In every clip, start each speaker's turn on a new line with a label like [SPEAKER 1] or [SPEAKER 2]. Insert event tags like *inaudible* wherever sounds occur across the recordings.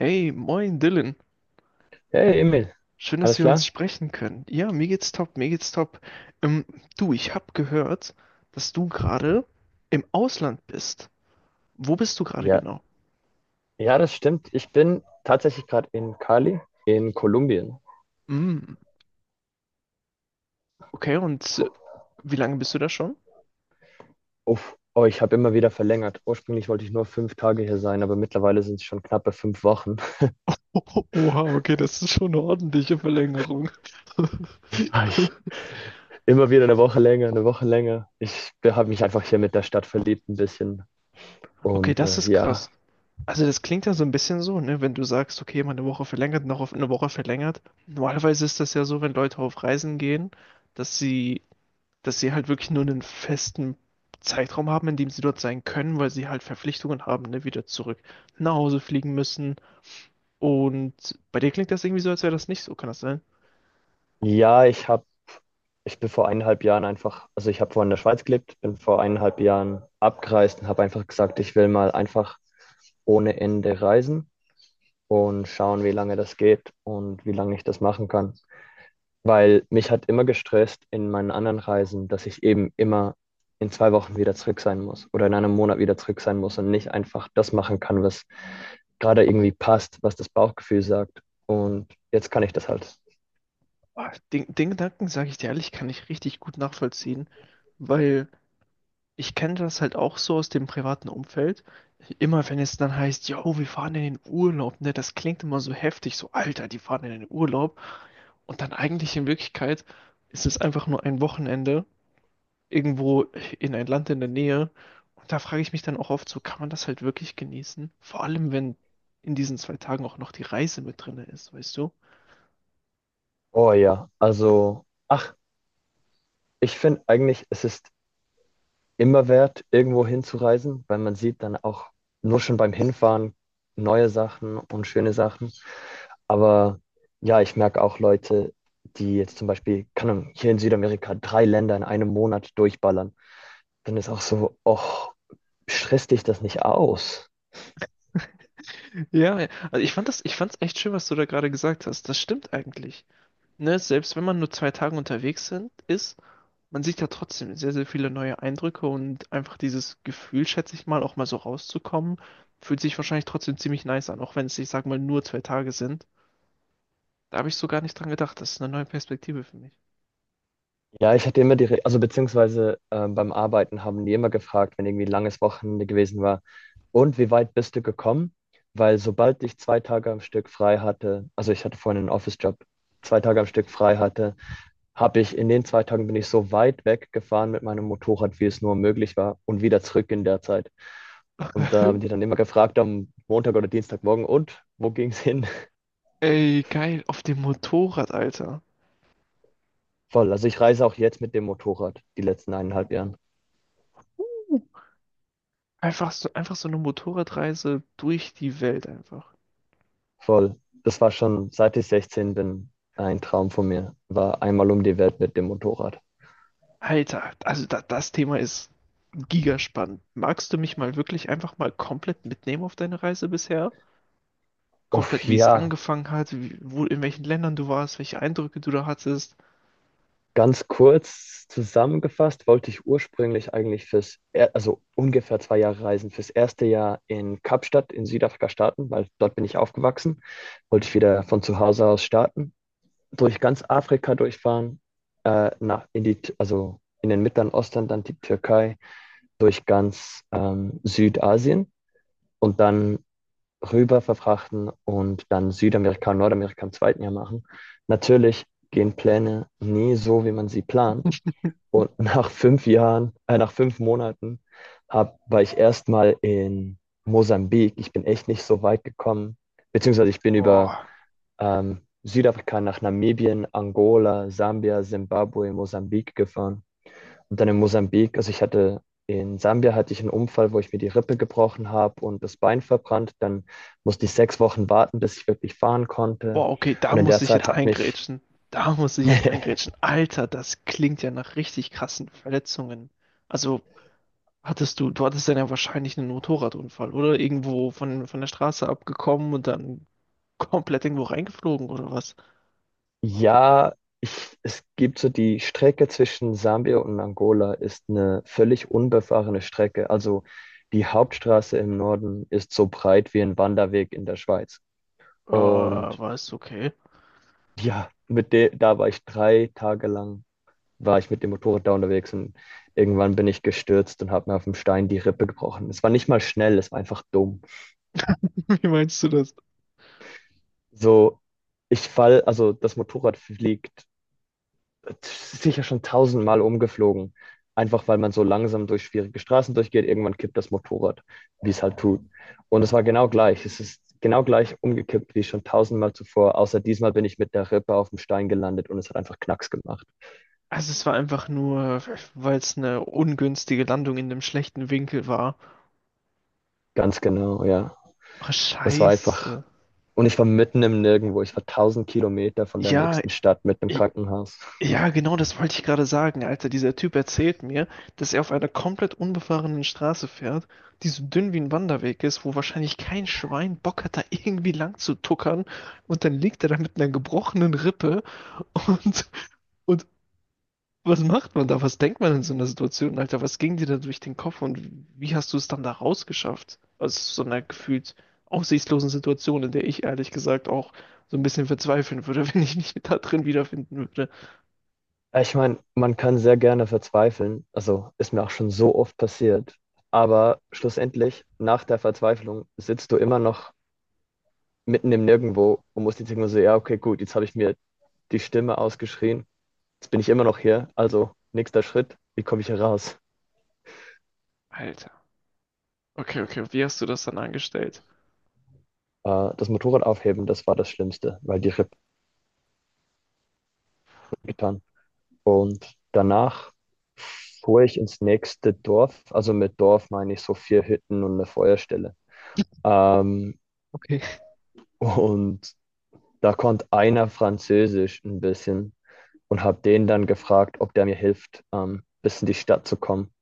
[SPEAKER 1] Hey, moin Dylan.
[SPEAKER 2] Hey Emil,
[SPEAKER 1] Schön, dass
[SPEAKER 2] alles
[SPEAKER 1] wir uns
[SPEAKER 2] klar?
[SPEAKER 1] sprechen können. Ja, mir geht's top, mir geht's top. Ähm, du, ich hab gehört, dass du gerade im Ausland bist. Wo bist du gerade
[SPEAKER 2] Ja,
[SPEAKER 1] genau?
[SPEAKER 2] ja, das stimmt. Ich bin tatsächlich gerade in Cali, in Kolumbien.
[SPEAKER 1] Mm, okay, und wie lange bist du da schon? *laughs*
[SPEAKER 2] Uff, oh, ich habe immer wieder verlängert. Ursprünglich wollte ich nur 5 Tage hier sein, aber mittlerweile sind es schon knappe 5 Wochen.
[SPEAKER 1] Oh, Oha, okay, das ist schon eine ordentliche Verlängerung. *laughs*
[SPEAKER 2] *laughs* Ja, immer wieder eine Woche länger, eine Woche länger. Ich habe mich einfach hier mit der Stadt verliebt ein bisschen.
[SPEAKER 1] Okay,
[SPEAKER 2] Und
[SPEAKER 1] das
[SPEAKER 2] äh,
[SPEAKER 1] ist
[SPEAKER 2] ja,
[SPEAKER 1] krass. Also das klingt ja so ein bisschen so, ne, wenn du sagst, okay, mal eine Woche verlängert, noch auf eine Woche verlängert. Normalerweise ist das ja so, wenn Leute auf Reisen gehen, dass sie dass sie halt wirklich nur einen festen Zeitraum haben, in dem sie dort sein können, weil sie halt Verpflichtungen haben, ne, wieder zurück nach Hause fliegen müssen. Und bei dir klingt das irgendwie so, als wäre das nicht so, kann das sein?
[SPEAKER 2] ja, ich bin vor eineinhalb Jahren einfach, also ich habe vorhin in der Schweiz gelebt, bin vor eineinhalb Jahren abgereist und habe einfach gesagt, ich will mal einfach ohne Ende reisen. Und schauen, wie lange das geht und wie lange ich das machen kann. Weil mich hat immer gestresst in meinen anderen Reisen, dass ich eben immer in 2 Wochen wieder zurück sein muss oder in einem Monat wieder zurück sein muss und nicht einfach das machen kann, was gerade irgendwie passt, was das Bauchgefühl sagt. Und jetzt kann ich das halt.
[SPEAKER 1] Ah, Den Gedanken, sage ich dir ehrlich, kann ich richtig gut nachvollziehen, weil ich kenne das halt auch so aus dem privaten Umfeld. Immer wenn es dann heißt, yo, wir fahren in den Urlaub, ne, das klingt immer so heftig, so Alter, die fahren in den Urlaub. Und dann eigentlich in Wirklichkeit ist es einfach nur ein Wochenende irgendwo in ein Land in der Nähe. Und da frage ich mich dann auch oft so, kann man das halt wirklich genießen? Vor allem, wenn in diesen 2 Tagen auch noch die Reise mit drin ist, weißt du?
[SPEAKER 2] Oh ja, also, ach, ich finde eigentlich, es ist immer wert, irgendwo hinzureisen, weil man sieht dann auch nur schon beim Hinfahren neue Sachen und schöne Sachen. Aber ja, ich merke auch Leute, die jetzt zum Beispiel, keine Ahnung, hier in Südamerika drei Länder in einem Monat durchballern. Dann ist auch so, och, stresst dich das nicht aus?
[SPEAKER 1] Ja, ja. Also ich fand's echt schön, was du da gerade gesagt hast. Das stimmt eigentlich. Ne, selbst wenn man nur 2 Tage unterwegs sind, man sieht ja trotzdem sehr, sehr viele neue Eindrücke und einfach dieses Gefühl, schätze ich mal, auch mal so rauszukommen, fühlt sich wahrscheinlich trotzdem ziemlich nice an, auch wenn es, ich sag mal, nur 2 Tage sind. Da habe ich so gar nicht dran gedacht. Das ist eine neue Perspektive für mich.
[SPEAKER 2] Ja, ich hatte immer also beziehungsweise beim Arbeiten haben die immer gefragt, wenn irgendwie ein langes Wochenende gewesen war, und wie weit bist du gekommen? Weil sobald ich 2 Tage am Stück frei hatte, also ich hatte vorhin einen Office-Job, 2 Tage am Stück frei hatte, habe ich in den 2 Tagen bin ich so weit weggefahren mit meinem Motorrad, wie es nur möglich war, und wieder zurück in der Zeit. Und da haben die
[SPEAKER 1] *laughs*
[SPEAKER 2] dann immer gefragt am Montag oder Dienstagmorgen, und wo ging's hin? *laughs*
[SPEAKER 1] Ey, geil, auf dem Motorrad, Alter.
[SPEAKER 2] Voll. Also ich reise auch jetzt mit dem Motorrad die letzten eineinhalb Jahre.
[SPEAKER 1] Einfach so eine Motorradreise durch die Welt einfach.
[SPEAKER 2] Voll. Das war schon, seit ich 16 bin, ein Traum von mir. War einmal um die Welt mit dem Motorrad.
[SPEAKER 1] Alter, also da, das Thema ist gigaspannend. Magst du mich mal wirklich einfach mal komplett mitnehmen auf deine Reise bisher? Komplett,
[SPEAKER 2] Uff,
[SPEAKER 1] wie es
[SPEAKER 2] ja,
[SPEAKER 1] angefangen hat, wie, wo, in welchen Ländern du warst, welche Eindrücke du da hattest.
[SPEAKER 2] ganz kurz zusammengefasst wollte ich ursprünglich eigentlich also ungefähr 2 Jahre reisen, fürs erste Jahr in Kapstadt in Südafrika starten, weil dort bin ich aufgewachsen. Wollte ich wieder von zu Hause aus starten, durch ganz Afrika durchfahren, also in den Mittleren Osten, dann die Türkei, durch ganz Südasien und dann rüber verfrachten und dann Südamerika und Nordamerika im zweiten Jahr machen. Natürlich gehen Pläne nie so, wie man sie plant. Und *laughs* nach 5 Monaten war ich erstmal in Mosambik. Ich bin echt nicht so weit gekommen, beziehungsweise ich bin über
[SPEAKER 1] Boah,
[SPEAKER 2] Südafrika nach Namibien, Angola, Sambia, Zimbabwe, Mosambik gefahren. Und dann in Mosambik, also ich hatte in Sambia hatte ich einen Unfall, wo ich mir die Rippe gebrochen habe und das Bein verbrannt. Dann musste ich 6 Wochen warten, bis ich wirklich fahren konnte.
[SPEAKER 1] boah, okay, da
[SPEAKER 2] Und in
[SPEAKER 1] muss
[SPEAKER 2] der
[SPEAKER 1] ich
[SPEAKER 2] Zeit
[SPEAKER 1] jetzt
[SPEAKER 2] hat mich,
[SPEAKER 1] eingrätschen. Da muss ich jetzt
[SPEAKER 2] *laughs*
[SPEAKER 1] eingrätschen. Alter, das klingt ja nach richtig krassen Verletzungen. Also hattest du hattest dann ja wahrscheinlich einen Motorradunfall oder irgendwo von der Straße abgekommen und dann komplett irgendwo reingeflogen oder was?
[SPEAKER 2] ja, es gibt so die Strecke zwischen Sambia und Angola ist eine völlig unbefahrene Strecke. Also die Hauptstraße im Norden ist so breit wie ein Wanderweg in der Schweiz. Und
[SPEAKER 1] War es okay.
[SPEAKER 2] ja, da war ich 3 Tage lang war ich mit dem Motorrad da unterwegs, und irgendwann bin ich gestürzt und habe mir auf dem Stein die Rippe gebrochen. Es war nicht mal schnell, es war einfach dumm.
[SPEAKER 1] *laughs* Wie meinst du das?
[SPEAKER 2] So, also das Motorrad fliegt sicher schon tausendmal umgeflogen, einfach weil man so langsam durch schwierige Straßen durchgeht. Irgendwann kippt das Motorrad, wie es halt tut. Und es war genau gleich. Es ist genau gleich umgekippt wie schon tausendmal zuvor, außer diesmal bin ich mit der Rippe auf dem Stein gelandet und es hat einfach Knacks gemacht.
[SPEAKER 1] Also es war einfach nur, weil es eine ungünstige Landung in einem schlechten Winkel war.
[SPEAKER 2] Ganz genau, ja.
[SPEAKER 1] Oh,
[SPEAKER 2] Es war einfach.
[SPEAKER 1] scheiße.
[SPEAKER 2] Und ich war mitten im Nirgendwo. Ich war 1.000 Kilometer von der
[SPEAKER 1] Ja,
[SPEAKER 2] nächsten Stadt mit einem
[SPEAKER 1] ich,
[SPEAKER 2] Krankenhaus.
[SPEAKER 1] ja, genau das wollte ich gerade sagen, Alter. Dieser Typ erzählt mir, dass er auf einer komplett unbefahrenen Straße fährt, die so dünn wie ein Wanderweg ist, wo wahrscheinlich kein Schwein Bock hat, da irgendwie lang zu tuckern. Und dann liegt er da mit einer gebrochenen Rippe. Und, und was macht man da? Was denkt man in so einer Situation, Alter? Was ging dir da durch den Kopf und wie hast du es dann da rausgeschafft? Also, aus so einer gefühlt aussichtslosen Situation, in der ich ehrlich gesagt auch so ein bisschen verzweifeln würde, *laughs* wenn ich mich da drin wiederfinden würde.
[SPEAKER 2] Ich meine, man kann sehr gerne verzweifeln. Also ist mir auch schon so oft passiert. Aber schlussendlich, nach der Verzweiflung, sitzt du immer noch mitten im Nirgendwo und musst jetzt irgendwo so, ja, okay, gut, jetzt habe ich mir die Stimme ausgeschrien. Jetzt bin ich immer noch hier. Also nächster Schritt, wie komme ich hier raus?
[SPEAKER 1] Alter. Okay, okay. Wie hast du das dann angestellt?
[SPEAKER 2] Das Motorrad aufheben, das war das Schlimmste, weil die Rippen getan. Und danach fuhr ich ins nächste Dorf. Also mit Dorf meine ich so vier Hütten und eine Feuerstelle. Ähm,
[SPEAKER 1] Okay.
[SPEAKER 2] und da konnte einer Französisch ein bisschen und habe den dann gefragt, ob der mir hilft, bis in die Stadt zu kommen.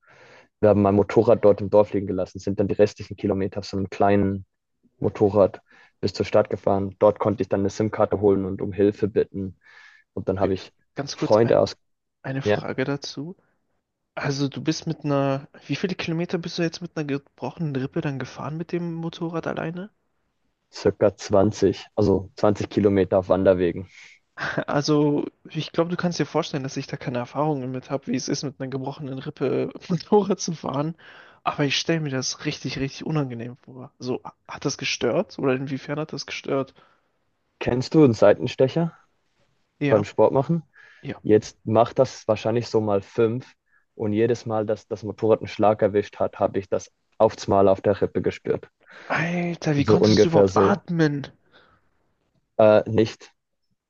[SPEAKER 2] Wir haben mein Motorrad dort im Dorf liegen gelassen, sind dann die restlichen Kilometer auf so einem kleinen Motorrad bis zur Stadt gefahren. Dort konnte ich dann eine SIM-Karte holen und um Hilfe bitten. Und dann
[SPEAKER 1] Okay,
[SPEAKER 2] habe ich
[SPEAKER 1] ganz kurz
[SPEAKER 2] Freunde aus,
[SPEAKER 1] eine
[SPEAKER 2] ja.
[SPEAKER 1] Frage dazu. Also du bist wie viele Kilometer bist du jetzt mit einer gebrochenen Rippe dann gefahren mit dem Motorrad alleine? *laughs*
[SPEAKER 2] Circa 20, also 20 Kilometer auf Wanderwegen.
[SPEAKER 1] Also ich glaube, du kannst dir vorstellen, dass ich da keine Erfahrungen mit habe, wie es ist, mit einer gebrochenen Rippe *laughs* Motorrad zu fahren. Aber ich stelle mir das richtig, richtig unangenehm vor. So, hat das gestört? Oder inwiefern hat das gestört?
[SPEAKER 2] Kennst du einen Seitenstecher
[SPEAKER 1] Ja,
[SPEAKER 2] beim Sport machen?
[SPEAKER 1] ja.
[SPEAKER 2] Jetzt macht das wahrscheinlich so mal fünf. Und jedes Mal, dass das Motorrad einen Schlag erwischt hat, habe ich das aufs Mal auf der Rippe gespürt.
[SPEAKER 1] Alter, wie
[SPEAKER 2] So
[SPEAKER 1] konntest du
[SPEAKER 2] ungefähr
[SPEAKER 1] überhaupt
[SPEAKER 2] so.
[SPEAKER 1] atmen?
[SPEAKER 2] Nicht.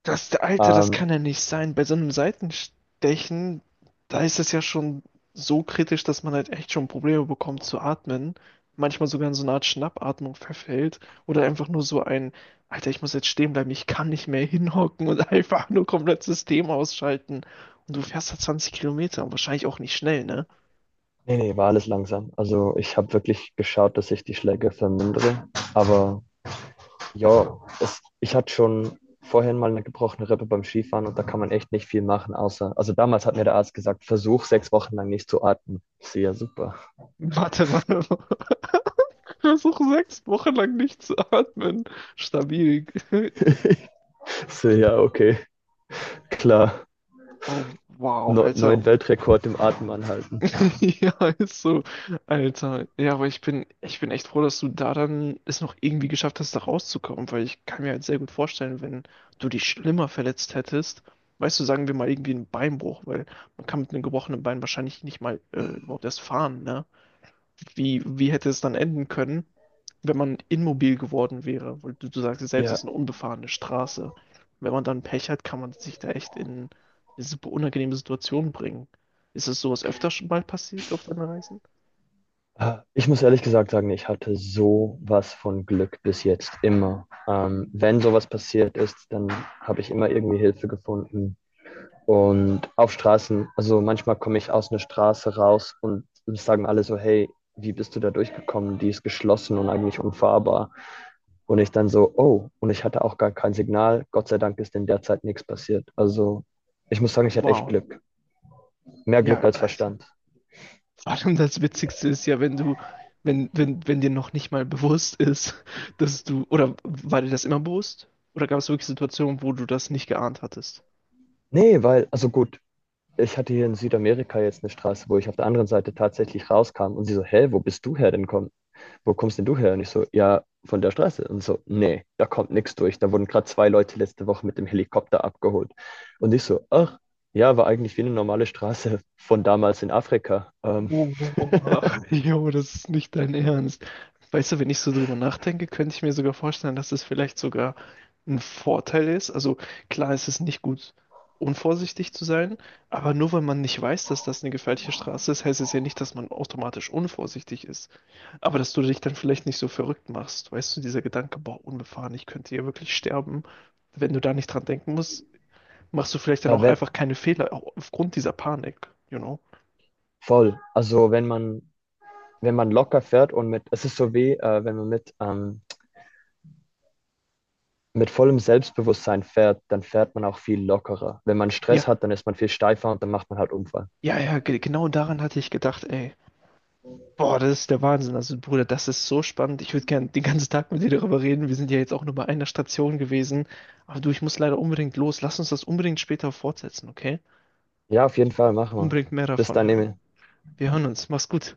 [SPEAKER 1] Das, Alter, das kann
[SPEAKER 2] Ähm,
[SPEAKER 1] ja nicht sein. Bei so einem Seitenstechen, da ist es ja schon so kritisch, dass man halt echt schon Probleme bekommt zu atmen. Manchmal sogar in so eine Art Schnappatmung verfällt. Oder einfach nur so ein, Alter, ich muss jetzt stehen bleiben, ich kann nicht mehr hinhocken und *laughs* einfach nur komplett System ausschalten. Und du fährst da 20 Kilometer und wahrscheinlich auch nicht schnell, ne?
[SPEAKER 2] nee, nee, war alles langsam. Also ich habe wirklich geschaut, dass ich die Schläge vermindere. Aber ja, ich hatte schon vorhin mal eine gebrochene Rippe beim Skifahren und da kann man echt nicht viel machen, außer, also damals hat mir der Arzt gesagt, versuch 6 Wochen lang nicht zu atmen. Ich so, ja, super.
[SPEAKER 1] Warte mal, *laughs* versuch 6 Wochen lang nicht zu atmen. Stabil. *laughs*
[SPEAKER 2] *laughs* Ich so, ja, okay, klar.
[SPEAKER 1] Oh, wow,
[SPEAKER 2] Neuen
[SPEAKER 1] Alter.
[SPEAKER 2] Weltrekord im Atmen anhalten.
[SPEAKER 1] *laughs* Ja, ist so. Alter. Ja, aber ich bin echt froh, dass du da dann es noch irgendwie geschafft hast, da rauszukommen, weil ich kann mir halt sehr gut vorstellen, wenn du dich schlimmer verletzt hättest, weißt du, sagen wir mal irgendwie einen Beinbruch, weil man kann mit einem gebrochenen Bein wahrscheinlich nicht mal überhaupt erst fahren, ne? Wie hätte es dann enden können, wenn man immobil geworden wäre? Weil du sagst ja selbst,
[SPEAKER 2] Ja,
[SPEAKER 1] es ist eine unbefahrene Straße. Wenn man dann Pech hat, kann man sich da echt in eine super unangenehme Situation bringen. Ist es sowas öfter schon mal passiert auf deinen Reisen?
[SPEAKER 2] ich muss ehrlich gesagt sagen, ich hatte sowas von Glück bis jetzt immer. Wenn sowas passiert ist, dann habe ich immer irgendwie Hilfe gefunden. Und auf Straßen, also manchmal komme ich aus einer Straße raus und sagen alle so, hey, wie bist du da durchgekommen? Die ist geschlossen und eigentlich unfahrbar. Und ich dann so, oh, und ich hatte auch gar kein Signal. Gott sei Dank ist in der Zeit nichts passiert. Also ich muss sagen, ich hatte echt
[SPEAKER 1] Wow.
[SPEAKER 2] Glück. Mehr Glück
[SPEAKER 1] Ja,
[SPEAKER 2] als
[SPEAKER 1] Alter.
[SPEAKER 2] Verstand.
[SPEAKER 1] Vor allem das Witzigste ist ja, wenn du, wenn, wenn, wenn dir noch nicht mal bewusst ist, oder war dir das immer bewusst? Oder gab es wirklich Situationen, wo du das nicht geahnt hattest?
[SPEAKER 2] Nee, weil, also gut, ich hatte hier in Südamerika jetzt eine Straße, wo ich auf der anderen Seite tatsächlich rauskam und sie so, hä, wo bist du her denn komm, wo kommst denn du her? Und ich so, ja, von der Straße. Und so, nee, da kommt nichts durch. Da wurden gerade zwei Leute letzte Woche mit dem Helikopter abgeholt. Und ich so, ach, ja, war eigentlich wie eine normale Straße von damals in Afrika.
[SPEAKER 1] Boah, *laughs* jo, das ist nicht dein Ernst. Weißt du, wenn ich so drüber nachdenke, könnte ich mir sogar vorstellen, dass es vielleicht sogar ein Vorteil ist. Also klar, es ist nicht gut, unvorsichtig zu sein, aber nur weil man nicht weiß, dass das eine gefährliche Straße ist, heißt es ja nicht, dass man automatisch unvorsichtig ist. Aber dass du dich dann vielleicht nicht so verrückt machst. Weißt du, dieser Gedanke, boah, unbefahren, ich könnte hier wirklich sterben. Wenn du da nicht dran denken musst, machst du vielleicht dann
[SPEAKER 2] Aber
[SPEAKER 1] auch
[SPEAKER 2] wenn,
[SPEAKER 1] einfach keine Fehler aufgrund dieser Panik, you know?
[SPEAKER 2] voll. Also wenn man locker fährt und es ist so wie, wenn man mit vollem Selbstbewusstsein fährt, dann fährt man auch viel lockerer. Wenn man
[SPEAKER 1] Ja.
[SPEAKER 2] Stress hat, dann ist man viel steifer und dann macht man halt Unfall.
[SPEAKER 1] Ja, ja, genau daran hatte ich gedacht, ey. Boah, das ist der Wahnsinn. Also, Bruder, das ist so spannend. Ich würde gern den ganzen Tag mit dir darüber reden. Wir sind ja jetzt auch nur bei einer Station gewesen. Aber du, ich muss leider unbedingt los. Lass uns das unbedingt später fortsetzen, okay?
[SPEAKER 2] Ja, auf jeden Fall machen wir.
[SPEAKER 1] Unbedingt mehr
[SPEAKER 2] Bis
[SPEAKER 1] davon
[SPEAKER 2] dann,
[SPEAKER 1] hören.
[SPEAKER 2] Emil.
[SPEAKER 1] Wir hören uns. Mach's gut.